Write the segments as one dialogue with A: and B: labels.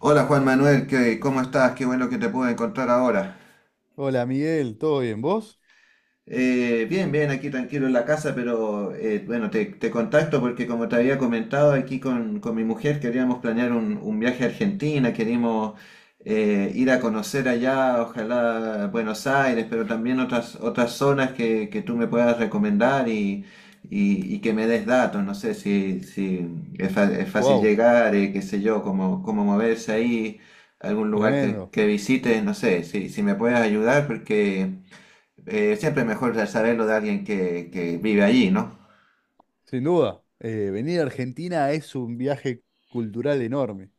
A: Hola Juan Manuel, ¿cómo estás? Qué bueno que te pude encontrar ahora.
B: Hola Miguel, ¿todo bien? ¿Vos?
A: Bien, bien, aquí tranquilo en la casa, pero bueno, te contacto porque como te había comentado aquí con mi mujer, queríamos planear un viaje a Argentina, queríamos ir a conocer allá, ojalá Buenos Aires, pero también otras zonas que tú me puedas recomendar y que me des datos, no sé si es fácil
B: Wow,
A: llegar, qué sé yo, cómo moverse ahí, algún lugar que,
B: tremendo,
A: que visites, no sé, si me puedes ayudar porque siempre mejor saberlo de alguien que vive allí, ¿no?
B: sin duda. Venir a Argentina es un viaje cultural enorme,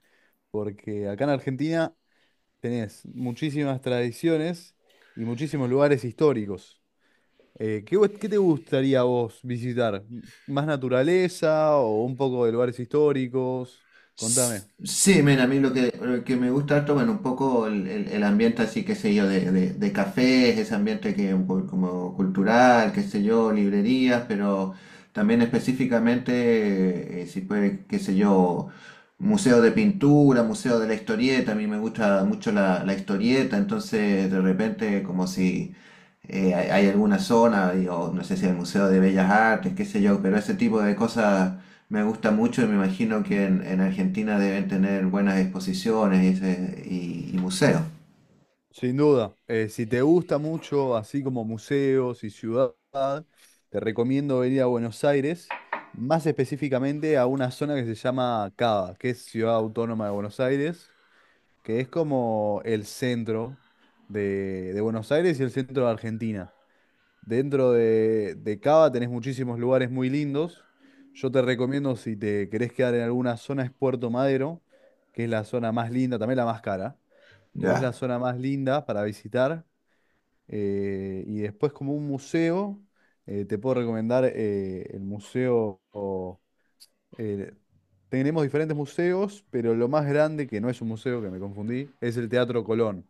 B: porque acá en Argentina tenés muchísimas tradiciones y muchísimos lugares históricos. ¿Qué te gustaría a vos visitar? ¿Más naturaleza o un poco de lugares históricos? Contame.
A: Sí, mira, a mí lo que me gusta harto, bueno, un poco el ambiente así, qué sé yo, de cafés, ese ambiente que es un poco como cultural, qué sé yo, librerías, pero también específicamente, si puede, qué sé yo, museo de pintura, museo de la historieta, a mí me gusta mucho la historieta, entonces de repente como si hay alguna zona, digo, no sé si el Museo de Bellas Artes, qué sé yo, pero ese tipo de cosas me gusta mucho y me imagino que en Argentina deben tener buenas exposiciones y museos.
B: Sin duda. Eh, si te gusta mucho, así como museos y ciudad, te recomiendo venir a Buenos Aires, más específicamente a una zona que se llama CABA, que es Ciudad Autónoma de Buenos Aires, que es como el centro de Buenos Aires y el centro de Argentina. Dentro de CABA tenés muchísimos lugares muy lindos. Yo te recomiendo, si te querés quedar en alguna zona, es Puerto Madero, que es la zona más linda, también la más cara, pero es la
A: Ya.
B: zona más linda para visitar. Y después, como un museo, te puedo recomendar eh, tenemos diferentes museos, pero lo más grande, que no es un museo, que me confundí, es el Teatro Colón.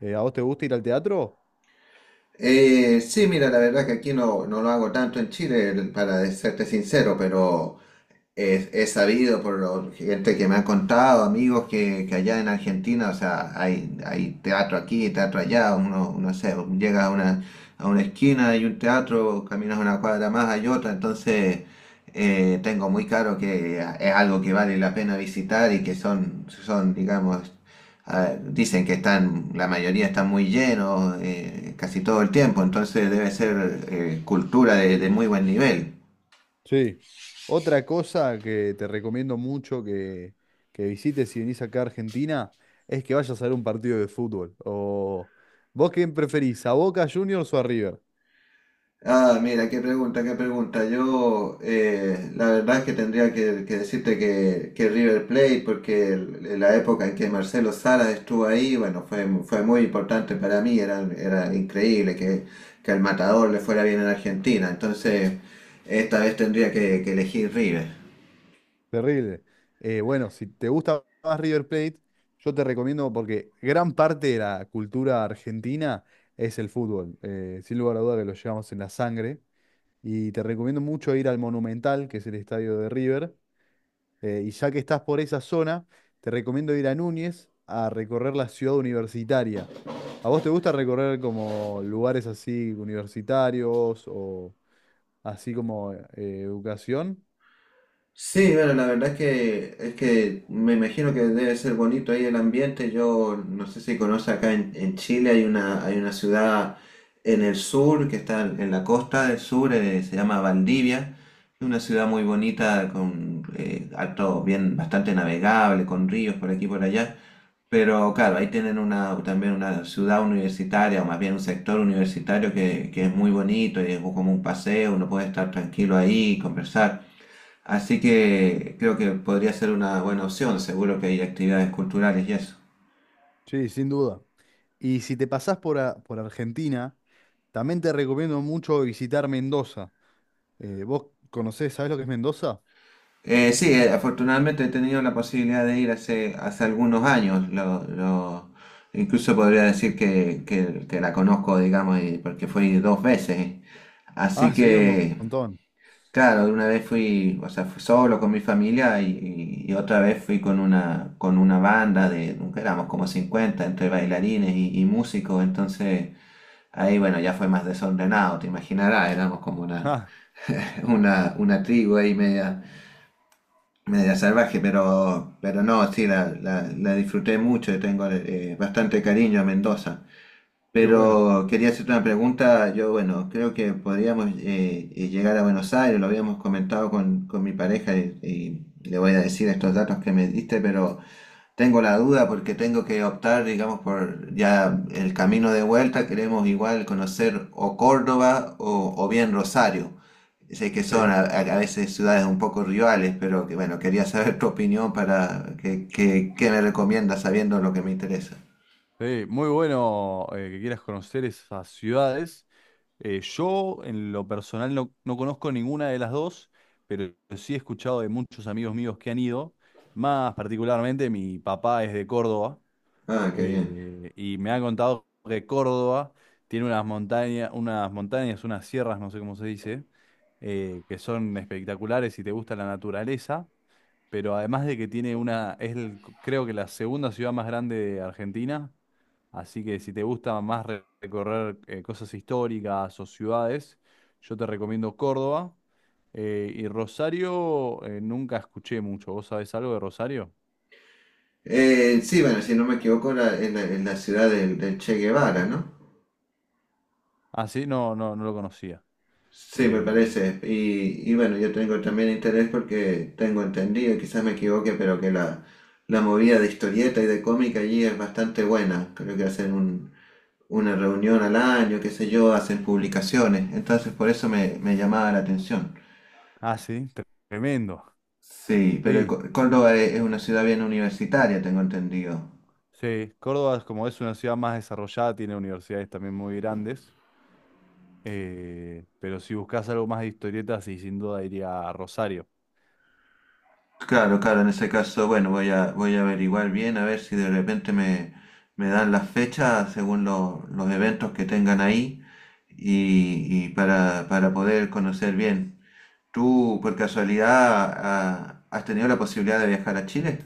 B: ¿A vos te gusta ir al teatro?
A: Sí, mira, la verdad que aquí no lo hago tanto en Chile, para serte sincero, pero es sabido por gente que me ha contado, amigos que allá en Argentina, o sea, hay teatro aquí, teatro allá, uno sé, llega a a una esquina, hay un teatro, caminas una cuadra más, hay otra, entonces tengo muy claro que es algo que vale la pena visitar y que son digamos, ah, dicen que están, la mayoría están muy llenos casi todo el tiempo, entonces debe ser cultura de muy buen nivel.
B: Sí. Otra cosa que te recomiendo mucho, que visites si venís acá a Argentina, es que vayas a ver un partido de fútbol. O ¿vos quién preferís, a Boca Juniors o a River?
A: Ah, mira, qué pregunta, qué pregunta. Yo, la verdad es que tendría que decirte que River Plate, porque la época en que Marcelo Salas estuvo ahí, bueno, fue muy importante para mí. Era increíble que al Matador le fuera bien en Argentina. Entonces, esta vez tendría que elegir River.
B: Terrible. Bueno, si te gusta más River Plate, yo te recomiendo porque gran parte de la cultura argentina es el fútbol. Sin lugar a duda que lo llevamos en la sangre. Y te recomiendo mucho ir al Monumental, que es el estadio de River. Y ya que estás por esa zona, te recomiendo ir a Núñez a recorrer la ciudad universitaria. ¿A vos te gusta recorrer como lugares así universitarios o así como educación?
A: Sí, bueno, la verdad es que me imagino que debe ser bonito ahí el ambiente. Yo no sé si conoce acá en Chile, hay una ciudad en el sur que está en la costa del sur, se llama Valdivia. Es una ciudad muy bonita, con alto, bien, bastante navegable, con ríos por aquí y por allá. Pero claro, ahí tienen también una ciudad universitaria, o más bien un sector universitario que es muy bonito y es como un paseo, uno puede estar tranquilo ahí, conversar. Así que creo que podría ser una buena opción, seguro que hay actividades culturales y eso.
B: Sí, sin duda. Y si te pasás por Argentina, también te recomiendo mucho visitar Mendoza. ¿Vos conocés, sabés lo que es Mendoza?
A: Sí, afortunadamente he tenido la posibilidad de ir hace algunos años, incluso podría decir que la conozco, digamos, porque fui dos veces. Así
B: Ah, sí, un
A: que,
B: montón.
A: claro, una vez fui, o sea, fui solo con mi familia y otra vez fui con con una banda de, nunca éramos como 50 entre bailarines y músicos, entonces... Ahí, bueno, ya fue más desordenado, te imaginarás, éramos como una,
B: Ah,
A: una tribu ahí media salvaje, pero no, sí, la disfruté mucho y tengo bastante cariño a Mendoza.
B: qué bueno.
A: Pero quería hacerte una pregunta, yo, bueno, creo que podríamos llegar a Buenos Aires, lo habíamos comentado con mi pareja y le voy a decir estos datos que me diste, pero tengo la duda porque tengo que optar, digamos, por ya el camino de vuelta. Queremos igual conocer o Córdoba o bien Rosario. Sé que son
B: Sí,
A: a veces ciudades un poco rivales, pero que bueno, quería saber tu opinión para qué me recomiendas sabiendo lo que me interesa.
B: sí, muy bueno que quieras conocer esas ciudades. Yo, en lo personal, no, no conozco ninguna de las dos, pero sí he escuchado de muchos amigos míos que han ido. Más particularmente, mi papá es de Córdoba.
A: Ah, qué bien.
B: Y me ha contado que Córdoba tiene unas montañas, unas montañas, unas sierras, no sé cómo se dice, que son espectaculares si te gusta la naturaleza, pero además de que tiene una, es el- creo que la segunda ciudad más grande de Argentina, así que si te gusta más recorrer cosas históricas o ciudades, yo te recomiendo Córdoba. Y Rosario, nunca escuché mucho. ¿Vos sabés algo de Rosario?
A: Sí, bueno, si no me equivoco, en la ciudad del Che Guevara, ¿no?
B: Ah, sí, no, no, no lo conocía.
A: Sí, me
B: Eh,
A: parece. Y bueno, yo tengo también interés porque tengo entendido, quizás me equivoque, pero que la movida de historieta y de cómic allí es bastante buena. Creo que hacen una reunión al año, qué sé yo, hacen publicaciones. Entonces por eso me llamaba la atención.
B: Ah, sí, tremendo.
A: Sí, pero
B: Sí,
A: Córdoba es una ciudad bien universitaria, tengo entendido.
B: sí. Córdoba, como es una ciudad más desarrollada, tiene universidades también muy grandes. Pero si buscas algo más de historietas, sí, sin duda iría a Rosario.
A: Claro, claro, en ese caso, bueno, voy a averiguar bien a ver si de repente me dan las fechas según los eventos que tengan ahí y para poder conocer bien. ¿Tú por casualidad has tenido la posibilidad de viajar a Chile?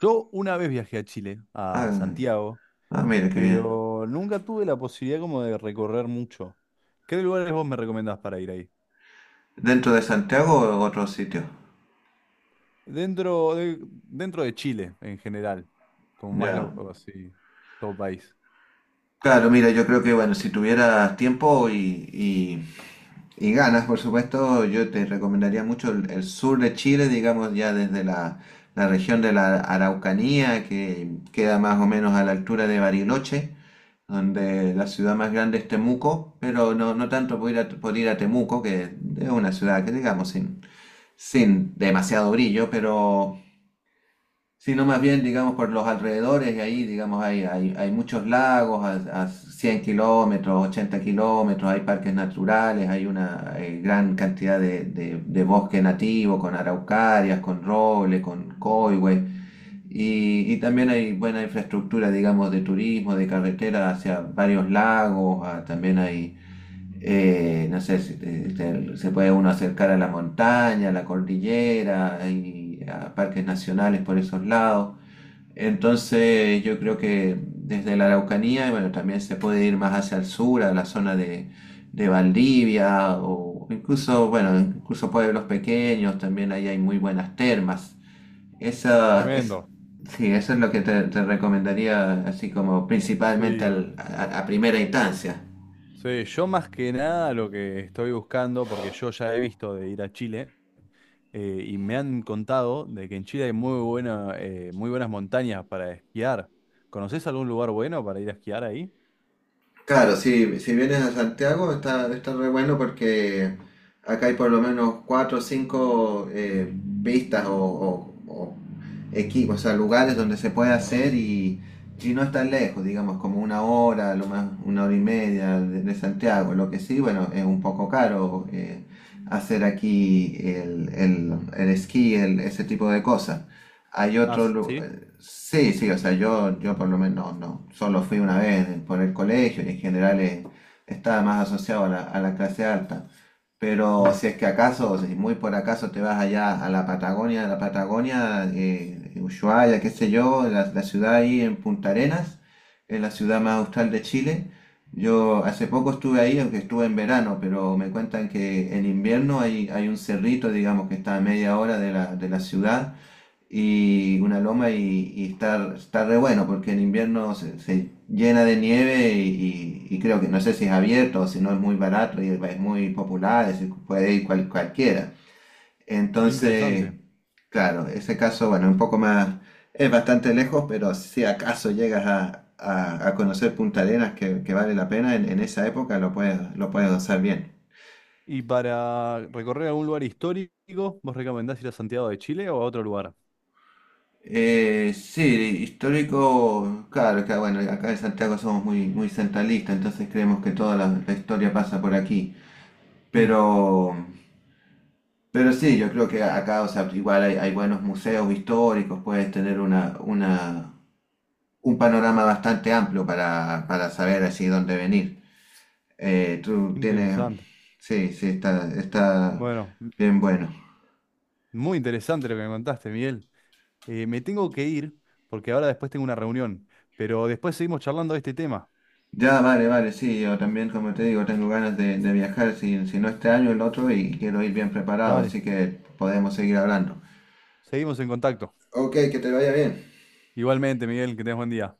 B: Yo una vez viajé a Chile, a
A: Ah,
B: Santiago,
A: ah, mira, qué bien.
B: pero nunca tuve la posibilidad como de recorrer mucho. ¿Qué lugares vos me recomendás para ir ahí?
A: ¿Dentro de Santiago o otro sitio?
B: Dentro de Chile, en general, como más
A: Ya.
B: lo, así, todo país.
A: Claro, mira, yo creo que bueno, si tuvieras tiempo y ganas, por supuesto, yo te recomendaría mucho el sur de Chile, digamos ya desde la región de la Araucanía, que queda más o menos a la altura de Bariloche, donde la ciudad más grande es Temuco, pero no, no tanto por ir a Temuco, que es una ciudad que digamos sin demasiado brillo, pero sino más bien, digamos, por los alrededores, y ahí, digamos, hay muchos lagos a 100 kilómetros, 80 kilómetros, hay parques naturales, hay una gran cantidad de bosque nativo con araucarias, con roble, con coigüe, y también hay buena infraestructura, digamos, de turismo, de carretera hacia varios lagos, también hay... No sé, si se puede uno acercar a la montaña, a la cordillera, hay parques nacionales por esos lados. Entonces yo creo que desde la Araucanía, bueno, también se puede ir más hacia el sur, a la zona de Valdivia, o incluso, bueno, incluso pueblos pequeños, también ahí hay muy buenas termas. Esa es,
B: Tremendo.
A: sí, eso es lo que te recomendaría así como principalmente
B: Sí.
A: a primera instancia.
B: Sí, yo más que nada lo que estoy buscando, porque yo ya he visto de ir a Chile, y me han contado de que en Chile hay muy buena, muy buenas montañas para esquiar. ¿Conoces algún lugar bueno para ir a esquiar ahí?
A: Claro, si vienes a Santiago está re bueno porque acá hay por lo menos cuatro o cinco pistas o equipos, o sea, lugares donde se puede hacer y no es tan lejos, digamos, como una hora, lo más, una hora y media de Santiago. Lo que sí, bueno, es un poco caro hacer aquí el esquí, ese tipo de cosas. Hay
B: Ah,
A: otro
B: sí.
A: lugar. Sí, sí, o sea, yo por lo menos no, solo fui una vez por el colegio y en general estaba más asociado a la clase alta. Pero
B: Mm,
A: si es que acaso, si muy por acaso te vas allá a la Patagonia, Ushuaia, qué sé yo, la ciudad ahí en Punta Arenas, es la ciudad más austral de Chile. Yo hace poco estuve ahí, aunque estuve en verano, pero me cuentan que en invierno hay un cerrito, digamos, que está a media hora de la ciudad y una loma y está re bueno porque en invierno se llena de nieve y creo que no sé si es abierto o si no es muy barato y es muy popular, es decir, puede ir cualquiera.
B: qué
A: Entonces,
B: interesante.
A: claro, ese caso, bueno, un poco más, es bastante lejos, pero si acaso llegas a conocer Punta Arenas que vale la pena, en esa época lo puedes gozar bien.
B: ¿Y para recorrer algún lugar histórico, vos recomendás ir a Santiago de Chile o a otro lugar?
A: Sí, histórico, claro, acá, bueno, acá en Santiago somos muy, muy centralistas, entonces creemos que toda la historia pasa por aquí.
B: Mm,
A: Pero, pero sí, yo creo que acá, o sea, igual hay buenos museos históricos, puedes tener un panorama bastante amplio para saber así dónde venir.
B: qué
A: Tú tienes,
B: interesante.
A: sí, sí, está
B: Bueno,
A: bien bueno.
B: muy interesante lo que me contaste, Miguel. Me tengo que ir porque ahora después tengo una reunión, pero después seguimos charlando de este tema.
A: Ya, vale, vale, sí, yo también, como te digo, tengo ganas de viajar, si no este año, el otro, y quiero ir bien preparado,
B: Dale,
A: así que podemos seguir hablando.
B: seguimos en contacto.
A: Ok, que te vaya bien.
B: Igualmente, Miguel, que tengas buen día.